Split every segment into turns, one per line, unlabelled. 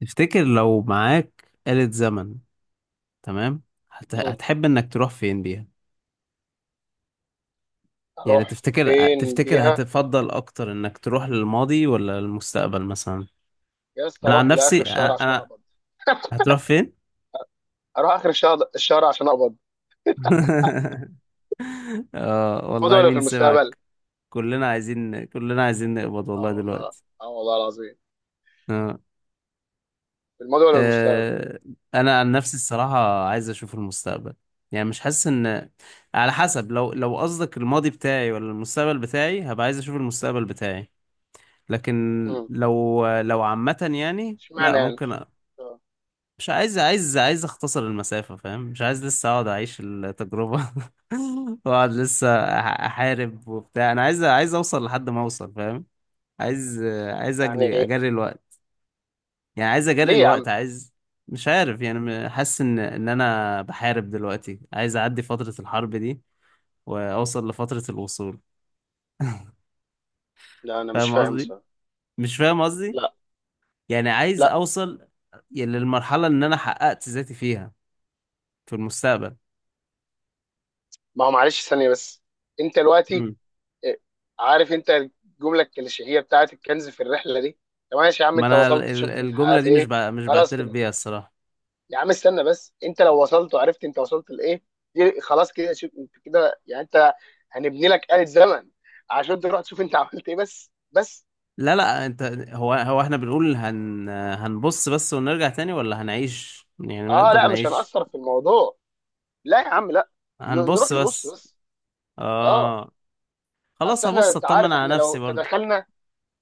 تفتكر لو معاك آلة زمن؟ تمام.
مم.
هتحب انك تروح فين بيها؟ يعني
اروح
تفتكر
فين
تفتكر
بيها؟
هتفضل اكتر انك تروح للماضي ولا للمستقبل مثلا؟
يا اسطى،
انا عن
اروح لاخر
نفسي انا,
الشهر عشان
أنا...
اقبض.
هتروح فين؟
اروح اخر الشهر عشان اقبض.
اه
الماضي
والله
ولا في
مين
المستقبل؟
سمعك. كلنا عايزين كلنا عايزين نقبض
اه
والله
والله لا.
دلوقتي.
اه والله العظيم.
آه.
في الماضي ولا المستقبل؟
آه، انا عن نفسي الصراحه عايز اشوف المستقبل. يعني مش حاسس ان، على حسب، لو قصدك الماضي بتاعي ولا المستقبل بتاعي، هبقى عايز اشوف المستقبل بتاعي. لكن
مم.
لو عامه يعني لا
اشمعنى يعني؟
ممكن
آه.
مش عايز، عايز اختصر المسافه، فاهم؟ مش عايز لسه اقعد اعيش التجربه، واقعد لسه احارب وبتاع. انا عايز، عايز اوصل لحد ما اوصل، فاهم؟ عايز، عايز اجري
يعني
اجري الوقت. يعني عايز اجري
ليه يا
الوقت،
عم؟
عايز، مش عارف. يعني حاسس ان انا بحارب دلوقتي، عايز اعدي فترة الحرب دي واوصل لفترة الوصول.
لا انا مش
فاهم
فاهم
قصدي؟
بصراحه.
مش فاهم قصدي.
لا
يعني عايز
لا.
اوصل يعني للمرحلة ان انا حققت ذاتي فيها في المستقبل.
ما هو معلش ثانيه بس، انت دلوقتي،
مم.
آه، عارف انت الجمله الكليشيهيه بتاعت الكنز في الرحله دي؟ طب ماشي يا عم،
ما
انت
انا
وصلت، شفت انت
الجملة
حققت
دي
ايه؟
مش
خلاص
بعترف
كده.
بيها الصراحة.
يا عم استنى بس، انت لو وصلت وعرفت انت وصلت لايه، دي خلاص كده. شوف انت كده يعني انت، هنبني لك آلة زمن عشان تروح تشوف انت عملت ايه بس بس.
لا لا، انت، هو احنا بنقول هنبص بس ونرجع تاني، ولا هنعيش؟ يعني ما
اه
نقدر
لا، مش
نعيش.
هنأثر في الموضوع. لا يا عم لا. نروح
هنبص
نبص
بس.
بس. اه.
اه. خلاص
اصل احنا،
هبص
انت
اطمن
عارف،
على
احنا
نفسي
لو
برضه.
تدخلنا،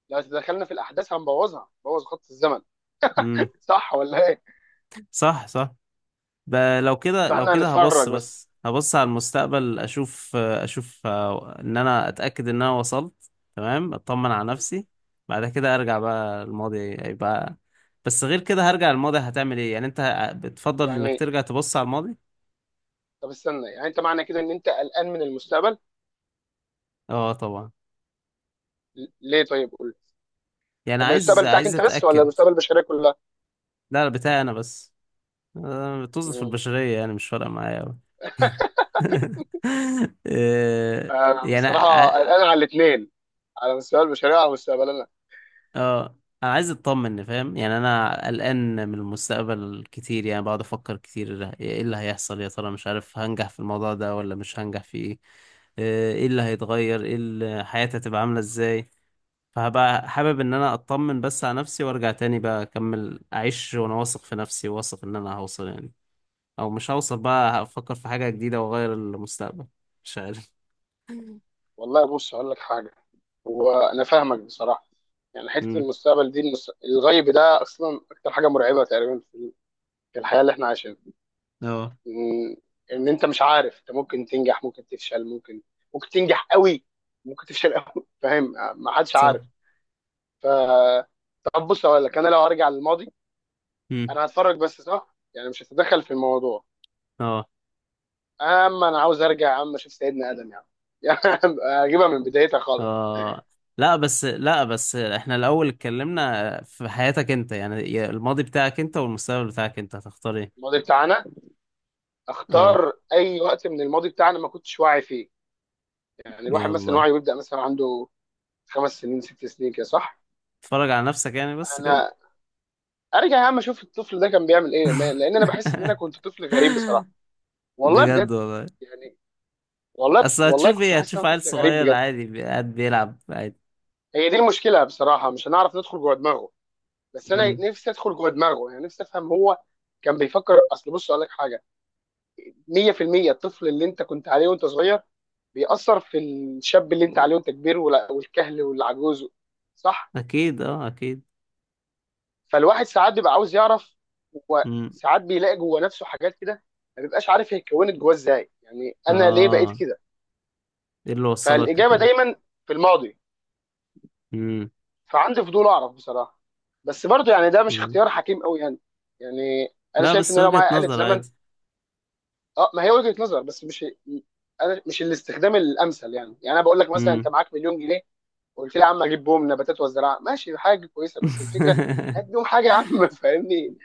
في الاحداث هنبوظها، نبوظ خط الزمن.
امم.
صح ولا ايه؟
صح، صح. ب... لو كده، لو
فاحنا
كده
هنتفرج
هبص
بس.
بس، هبص على المستقبل اشوف آه، ان انا اتاكد ان انا وصلت تمام، اطمن على نفسي. بعد كده ارجع بقى الماضي. هيبقى بس، غير كده هرجع الماضي. هتعمل ايه يعني؟ انت بتفضل انك
يعني
ترجع تبص على الماضي؟
طب استنى، يعني انت معنى كده ان انت قلقان من المستقبل؟
اه طبعا.
ليه طيب قول لي.
يعني
من
عايز،
المستقبل بتاعك
عايز
انت بس ولا
اتاكد.
المستقبل البشريه كلها؟
لا لا، بتاعي انا بس. أنا بتوظف في
مم.
البشريه يعني مش فارقه معايا أوي. آه،
انا
يعني
بصراحه قلقان على الاثنين، على مستوى البشريه وعلى مستقبلنا.
اه، انا عايز اطمن، فاهم؟ يعني انا قلقان من المستقبل كتير. يعني بقعد افكر كتير، ايه اللي هيحصل يا ترى؟ مش عارف، هنجح في الموضوع ده ولا مش هنجح في ايه؟ آه، ايه اللي هيتغير، ايه اللي حياتي هتبقى عاملة ازاي. فهبقى حابب ان انا اطمن بس على نفسي وارجع تاني بقى اكمل اعيش وانا واثق في نفسي، واثق ان انا هوصل يعني. او مش هوصل بقى هفكر في حاجة جديدة واغير المستقبل. مش عارف.
والله بص هقول لك حاجه، وانا فاهمك بصراحه. يعني حته
امم.
المستقبل دي، الغيب ده اصلا اكتر حاجه مرعبه تقريبا في الحياه اللي احنا عايشينها.
اه.
ان إن انت مش عارف، انت ممكن تنجح ممكن تفشل ممكن، ممكن تنجح قوي، ممكن تفشل قوي. فاهم؟ ما حدش عارف.
صح.
ف طب بص هقول لك، انا لو هرجع للماضي
امم.
انا هتفرج بس، صح؟ يعني مش هتدخل في الموضوع.
اه.
يا عم انا عاوز ارجع يا عم اشوف سيدنا ادم يا عم. يا عم اجيبها من بدايتها خالص.
آه. لا بس، لا بس، احنا الأول اتكلمنا في حياتك انت يعني، يا الماضي بتاعك انت والمستقبل بتاعك انت، هتختار ايه؟
الماضي بتاعنا،
اه.
اختار اي وقت من الماضي بتاعنا ما كنتش واعي فيه. يعني الواحد مثلا
يلا.
وعيه بيبدا مثلا عنده خمس سنين ست سنين كده، صح؟
اتفرج على نفسك يعني بس كده.
انا ارجع يا عم اشوف الطفل ده كان بيعمل ايه. لان انا بحس ان انا كنت طفل غريب بصراحه. والله
بجد
بجد.
والله.
يعني والله
اصل
والله
هتشوف
كنت
ايه؟
بحس ان
هتشوف
انا
عيل
طفل غريب
صغير
بجد.
عادي قاعد بيلعب عادي.
هي دي المشكله بصراحه، مش هنعرف ندخل جوه دماغه. بس انا
امم.
نفسي ادخل جوه دماغه، يعني نفسي افهم هو كان بيفكر. اصل بص اقول لك حاجه، 100% الطفل اللي انت كنت عليه وانت صغير بيأثر في الشاب اللي انت عليه وانت كبير والكهل والعجوز، صح؟
اكيد اه، اكيد.
فالواحد ساعات بيبقى عاوز يعرف،
امم.
وساعات بيلاقي جوه نفسه حاجات كده. ما بيبقاش عارف هي اتكونت جواه ازاي، يعني انا ليه بقيت
اه.
كده.
ايه اللي وصلك
فالإجابة
لكده؟
دايما في الماضي.
امم.
فعندي فضول اعرف بصراحة. بس برضه يعني ده مش
أمم.
اختيار حكيم قوي يعني. يعني انا
لا
شايف
بس
ان انا لو
وجهة
معايا آلة
نظر
زمن.
عادي.
اه ما هي وجهة نظر بس مش، انا مش الاستخدام الامثل يعني. انا بقول لك مثلا انت
امم.
معاك مليون جنيه، قلت لي يا عم اجيب بوم نباتات وزراعه. ماشي حاجه كويسه، بس الفكره قدم حاجه يا عم. فاهمني؟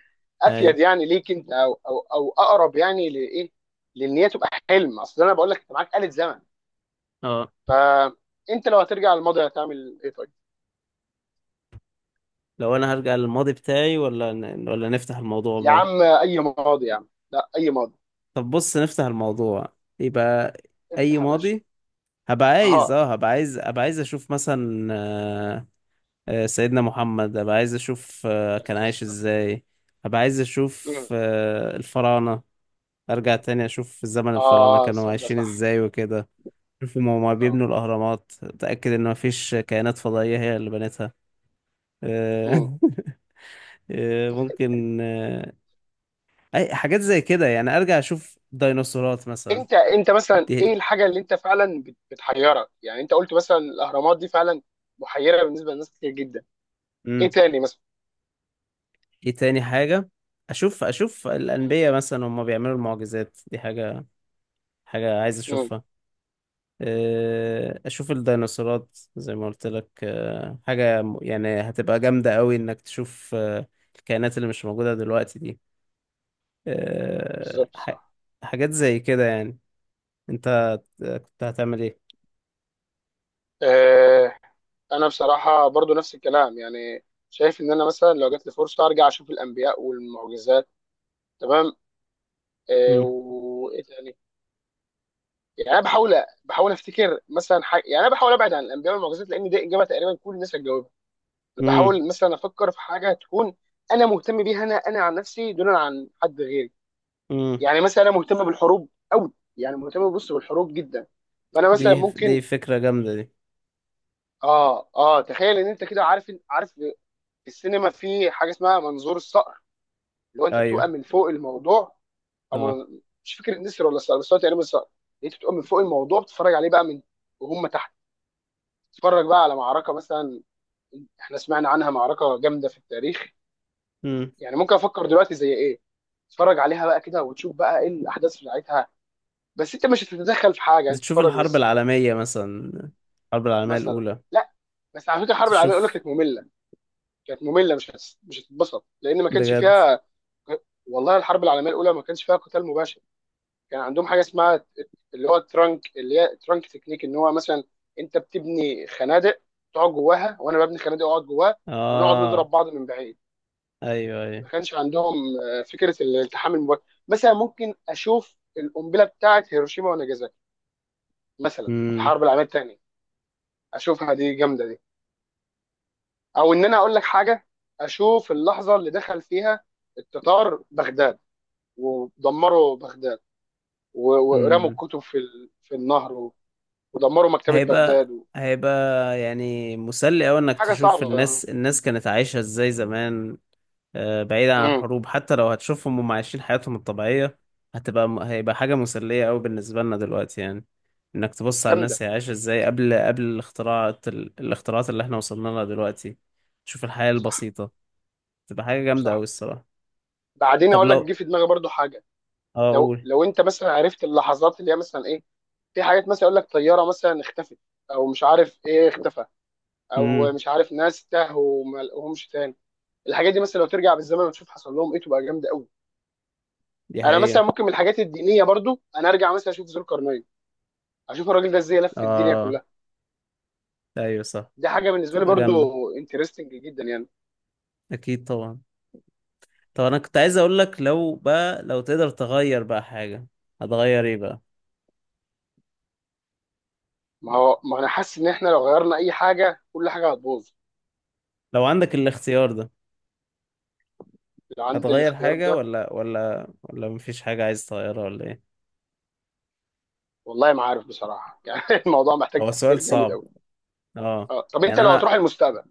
اي.
افيد يعني ليك انت او اقرب يعني لايه. لان هي تبقى حلم. اصل انا بقول لك انت معاك آلة زمن، فانت لو هترجع للماضي هتعمل ايه طيب؟
لو انا هرجع للماضي بتاعي، ولا ولا نفتح الموضوع
يا
بقى؟
عم اي ماضي يا عم، لا اي ماضي.
طب بص نفتح الموضوع. يبقى اي
افتح يا باشا.
ماضي. هبقى عايز،
اه
اه هبقى عايز عايز اشوف مثلا آه، آه، سيدنا محمد. هبقى عايز اشوف آه،
بس
كان
بس
عايش
اه.
ازاي. هبقى عايز اشوف
مم.
آه، الفراعنة. ارجع تاني اشوف زمن الفراعنة
آه،
كانوا
صدق
عايشين
صح.
ازاي وكده. شوف هما
اه.
بيبنوا الاهرامات، اتاكد ان مفيش كائنات فضائية هي اللي بنتها.
مم.
آه، آه، ممكن. آه، اي حاجات زي كده يعني. ارجع اشوف ديناصورات مثلا.
انت مثلا ايه
دي.
الحاجه اللي انت فعلا بتحيرك؟ يعني انت قلت مثلا الاهرامات، دي فعلا محيره بالنسبه لناس كتير جدا. ايه
امم.
تاني مثلا؟
ايه تاني حاجة؟ اشوف، اشوف
مم.
الانبياء مثلا هم بيعملوا المعجزات دي، حاجة، حاجة عايز
مم.
اشوفها. آه، اشوف الديناصورات زي ما قلت لك. آه، حاجة يعني هتبقى جامدة قوي انك تشوف آه، الكائنات اللي مش موجودة دلوقتي دي. آه،
بالظبط صح.
حاجات زي كده يعني. انت كنت هتعمل ايه؟
آه. انا بصراحه برضو نفس الكلام يعني، شايف ان انا مثلا لو جات لي فرصه ارجع اشوف الانبياء والمعجزات، تمام. آه،
امم.
وايه تاني؟ يعني انا بحاول، بحاول افتكر مثلا حاجه. يعني انا بحاول ابعد عن الانبياء والمعجزات لان دي اجابه تقريبا كل الناس هتجاوبها.
امم.
بحاول مثلا افكر في حاجه تكون انا مهتم بيها، انا عن نفسي دون عن حد غيري.
امم.
يعني مثلا انا مهتم بالحروب قوي، يعني مهتم بص بالحروب جدا. فانا مثلا
دي، دي
ممكن،
فكرة جامدة دي.
اه اه تخيل ان انت كده، عارف في السينما في حاجه اسمها منظور الصقر، اللي هو انت بتبقى
ايوه.
من فوق الموضوع. او
اه.
من... مش فاكر النسر ولا الصقر، بس هو تقريبا الصقر. انت بتبقى من فوق الموضوع بتتفرج عليه بقى من، وهم تحت. تتفرج بقى على معركه مثلا احنا سمعنا عنها، معركه جامده في التاريخ.
امم.
يعني ممكن افكر دلوقتي زي ايه. تتفرج عليها بقى كده وتشوف بقى ايه الاحداث بتاعتها. بس انت مش هتتدخل في حاجه، انت
تشوف
تتفرج
الحرب
بس.
العالمية مثلا، الحرب العالمية
مثلا،
الأولى.
لا. بس على فكره الحرب العالميه يقول لك
تشوف.
كانت ممله. كانت ممله، مش هتتبسط لان ما كانش
بجد.
فيها. والله الحرب العالميه الاولى ما كانش فيها قتال مباشر. كان عندهم حاجه اسمها اللي هو الترانك، اللي هي ترانك تكنيك، ان هو مثلا انت بتبني خنادق تقعد جواها، وانا ببني خنادق اقعد جواها، ونقعد
اه.
نضرب بعض من بعيد.
ايوه، ايوه.
ما كانش عندهم آه، فكره الالتحام المباشر. مثلا ممكن اشوف القنبله بتاعه هيروشيما وناجازاكي، مثلا في
امم.
الحرب العالميه الثانيه. اشوفها، دي جامده دي. او ان انا اقول لك حاجه، اشوف اللحظه اللي دخل فيها التتار بغداد، ودمروا بغداد و- ورموا
امم.
الكتب في في النهر ودمروا مكتبة بغداد
هيبقى، هيبقى يعني مسلي أوي إنك
حاجة
تشوف
صعبة يعني.
الناس، الناس كانت عايشة ازاي زمان. آه، بعيدا عن
امم.
الحروب، حتى لو هتشوفهم هم عايشين حياتهم الطبيعية، هتبقى هيبقى حاجة مسلية أوي بالنسبة لنا دلوقتي يعني. إنك تبص على
جامدة.
الناس هي عايشة ازاي قبل الاختراعات، الاختراعات اللي احنا وصلنا لها دلوقتي. تشوف الحياة
صح
البسيطة، تبقى حاجة جامدة أوي
صح.
الصراحة.
بعدين
طب
اقول لك جه
لو،
في دماغي برضو حاجة.
اه
لو
أقول.
لو انت مثلا عرفت اللحظات اللي هي مثلا ايه. في حاجات مثلا يقول لك طيارة مثلا اختفت، او مش عارف ايه اختفى، او
امم.
مش عارف ناس تاهوا وما لقوهمش تاني. الحاجات دي مثلا لو ترجع بالزمن وتشوف حصل لهم ايه تبقى جامدة قوي.
دي
انا مثلا
حقيقة.
ممكن من الحاجات الدينية برضو انا ارجع مثلا اشوف ذو القرنين، اشوف الراجل ده ازاي لف الدنيا
اه،
كلها.
أيوة صح،
دي حاجة بالنسبة لي
تبقى
برضو
جامدة.
انترستنج جدا يعني.
أكيد طبعا. طب أنا كنت عايز أقول لك، لو بقى لو تقدر تغير بقى حاجة، هتغير إيه بقى؟
ما هو ما انا حاسس ان احنا لو غيرنا اي حاجه كل حاجه هتبوظ.
لو عندك الاختيار ده،
لو عند
هتغير
الاختيار
حاجة
ده،
ولا، ولا مفيش حاجة عايز تغيرها ولا إيه؟
والله ما عارف بصراحه. يعني الموضوع محتاج
هو سؤال
تفكير جامد
صعب.
قوي.
اه.
اه طب انت
يعني
لو هتروح
أنا،
المستقبل،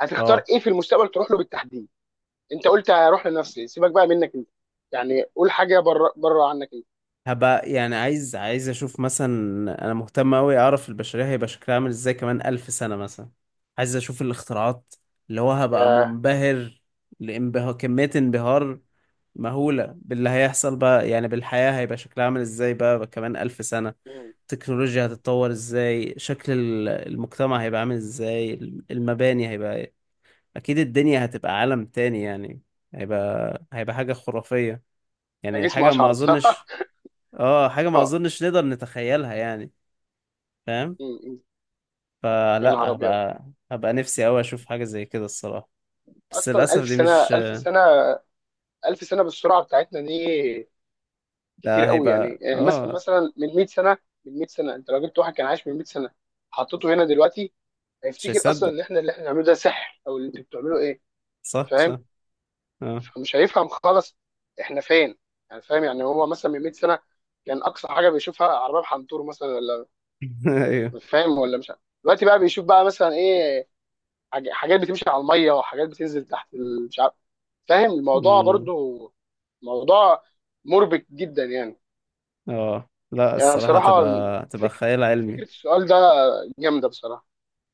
هتختار
اه،
ايه في المستقبل تروح له بالتحديد؟ انت قلت هروح لنفسي، سيبك بقى منك انت، يعني قول حاجه بره بره عنك انت.
هبقى يعني عايز، عايز اشوف مثلا، انا مهتم اوي اعرف البشرية هيبقى شكلها عامل ازاي كمان 1000 سنة مثلا. عايز اشوف الاختراعات اللي هو هبقى
يا.
منبهر. لانبهار، كمية انبهار مهولة باللي هيحصل بقى، يعني بالحياة هيبقى شكلها عامل ازاي بقى كمان الف سنة.
مم.
التكنولوجيا هتتطور ازاي، شكل المجتمع هيبقى عامل ازاي، المباني هيبقى إيه؟ اكيد الدنيا هتبقى عالم تاني يعني. هيبقى، هيبقى حاجة خرافية.
انا
يعني
جسمي
حاجة ما
اشعر بصراحه.
اظنش، اه، حاجة ما
اه.
اظنش نقدر نتخيلها يعني. فاهم؟
مم. مم. يا نهار
فلا
ابيض.
هبقى، هبقى نفسي اوي اشوف حاجة زي كده الصراحة. بس
اصلا
للأسف
1000
دي
سنه،
مش،
1000 سنه، 1000 سنه بالسرعه بتاعتنا دي كتير
ده
قوي
هيبقى
يعني. آه،
اه،
مثلا من 100 سنه، من 100 سنه انت لو جبت واحد كان عايش من 100 سنه حطيته هنا دلوقتي،
مش
هيفتكر اصلا
هيصدق.
ان احنا اللي احنا بنعمله ده سحر، او اللي انتوا بتعملوه ايه.
صح،
فاهم؟
صح. اه.
فمش هيفهم خالص احنا فين. يعني فاهم؟ يعني هو مثلا من 100 سنه كان اقصى حاجه بيشوفها عربيه بحنطور مثلا، ولا
ايوه.
مش فاهم ولا مش عارف. دلوقتي بقى بيشوف بقى مثلا ايه، حاجات بتمشي على الميه وحاجات بتنزل تحت مش عارف. فاهم الموضوع
أمم.
برضو؟ موضوع مربك جدا يعني.
اه لا،
يعني
الصراحة
بصراحة،
تبقى، تبقى
فك...
خيال
فكرة
علمي.
السؤال ده جامدة بصراحة.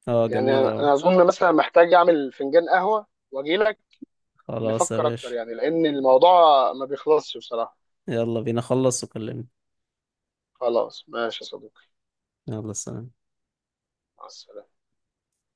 اه،
يعني
جميل اوي.
أنا أظن مثلا محتاج أعمل فنجان قهوة وأجي لك
خلاص يا
نفكر أكتر،
باشا.
يعني لأن الموضوع ما بيخلصش بصراحة.
يلا بينا، خلص وكلمني.
خلاص ماشي يا صديقي.
يلا، سلام.
مع السلامة.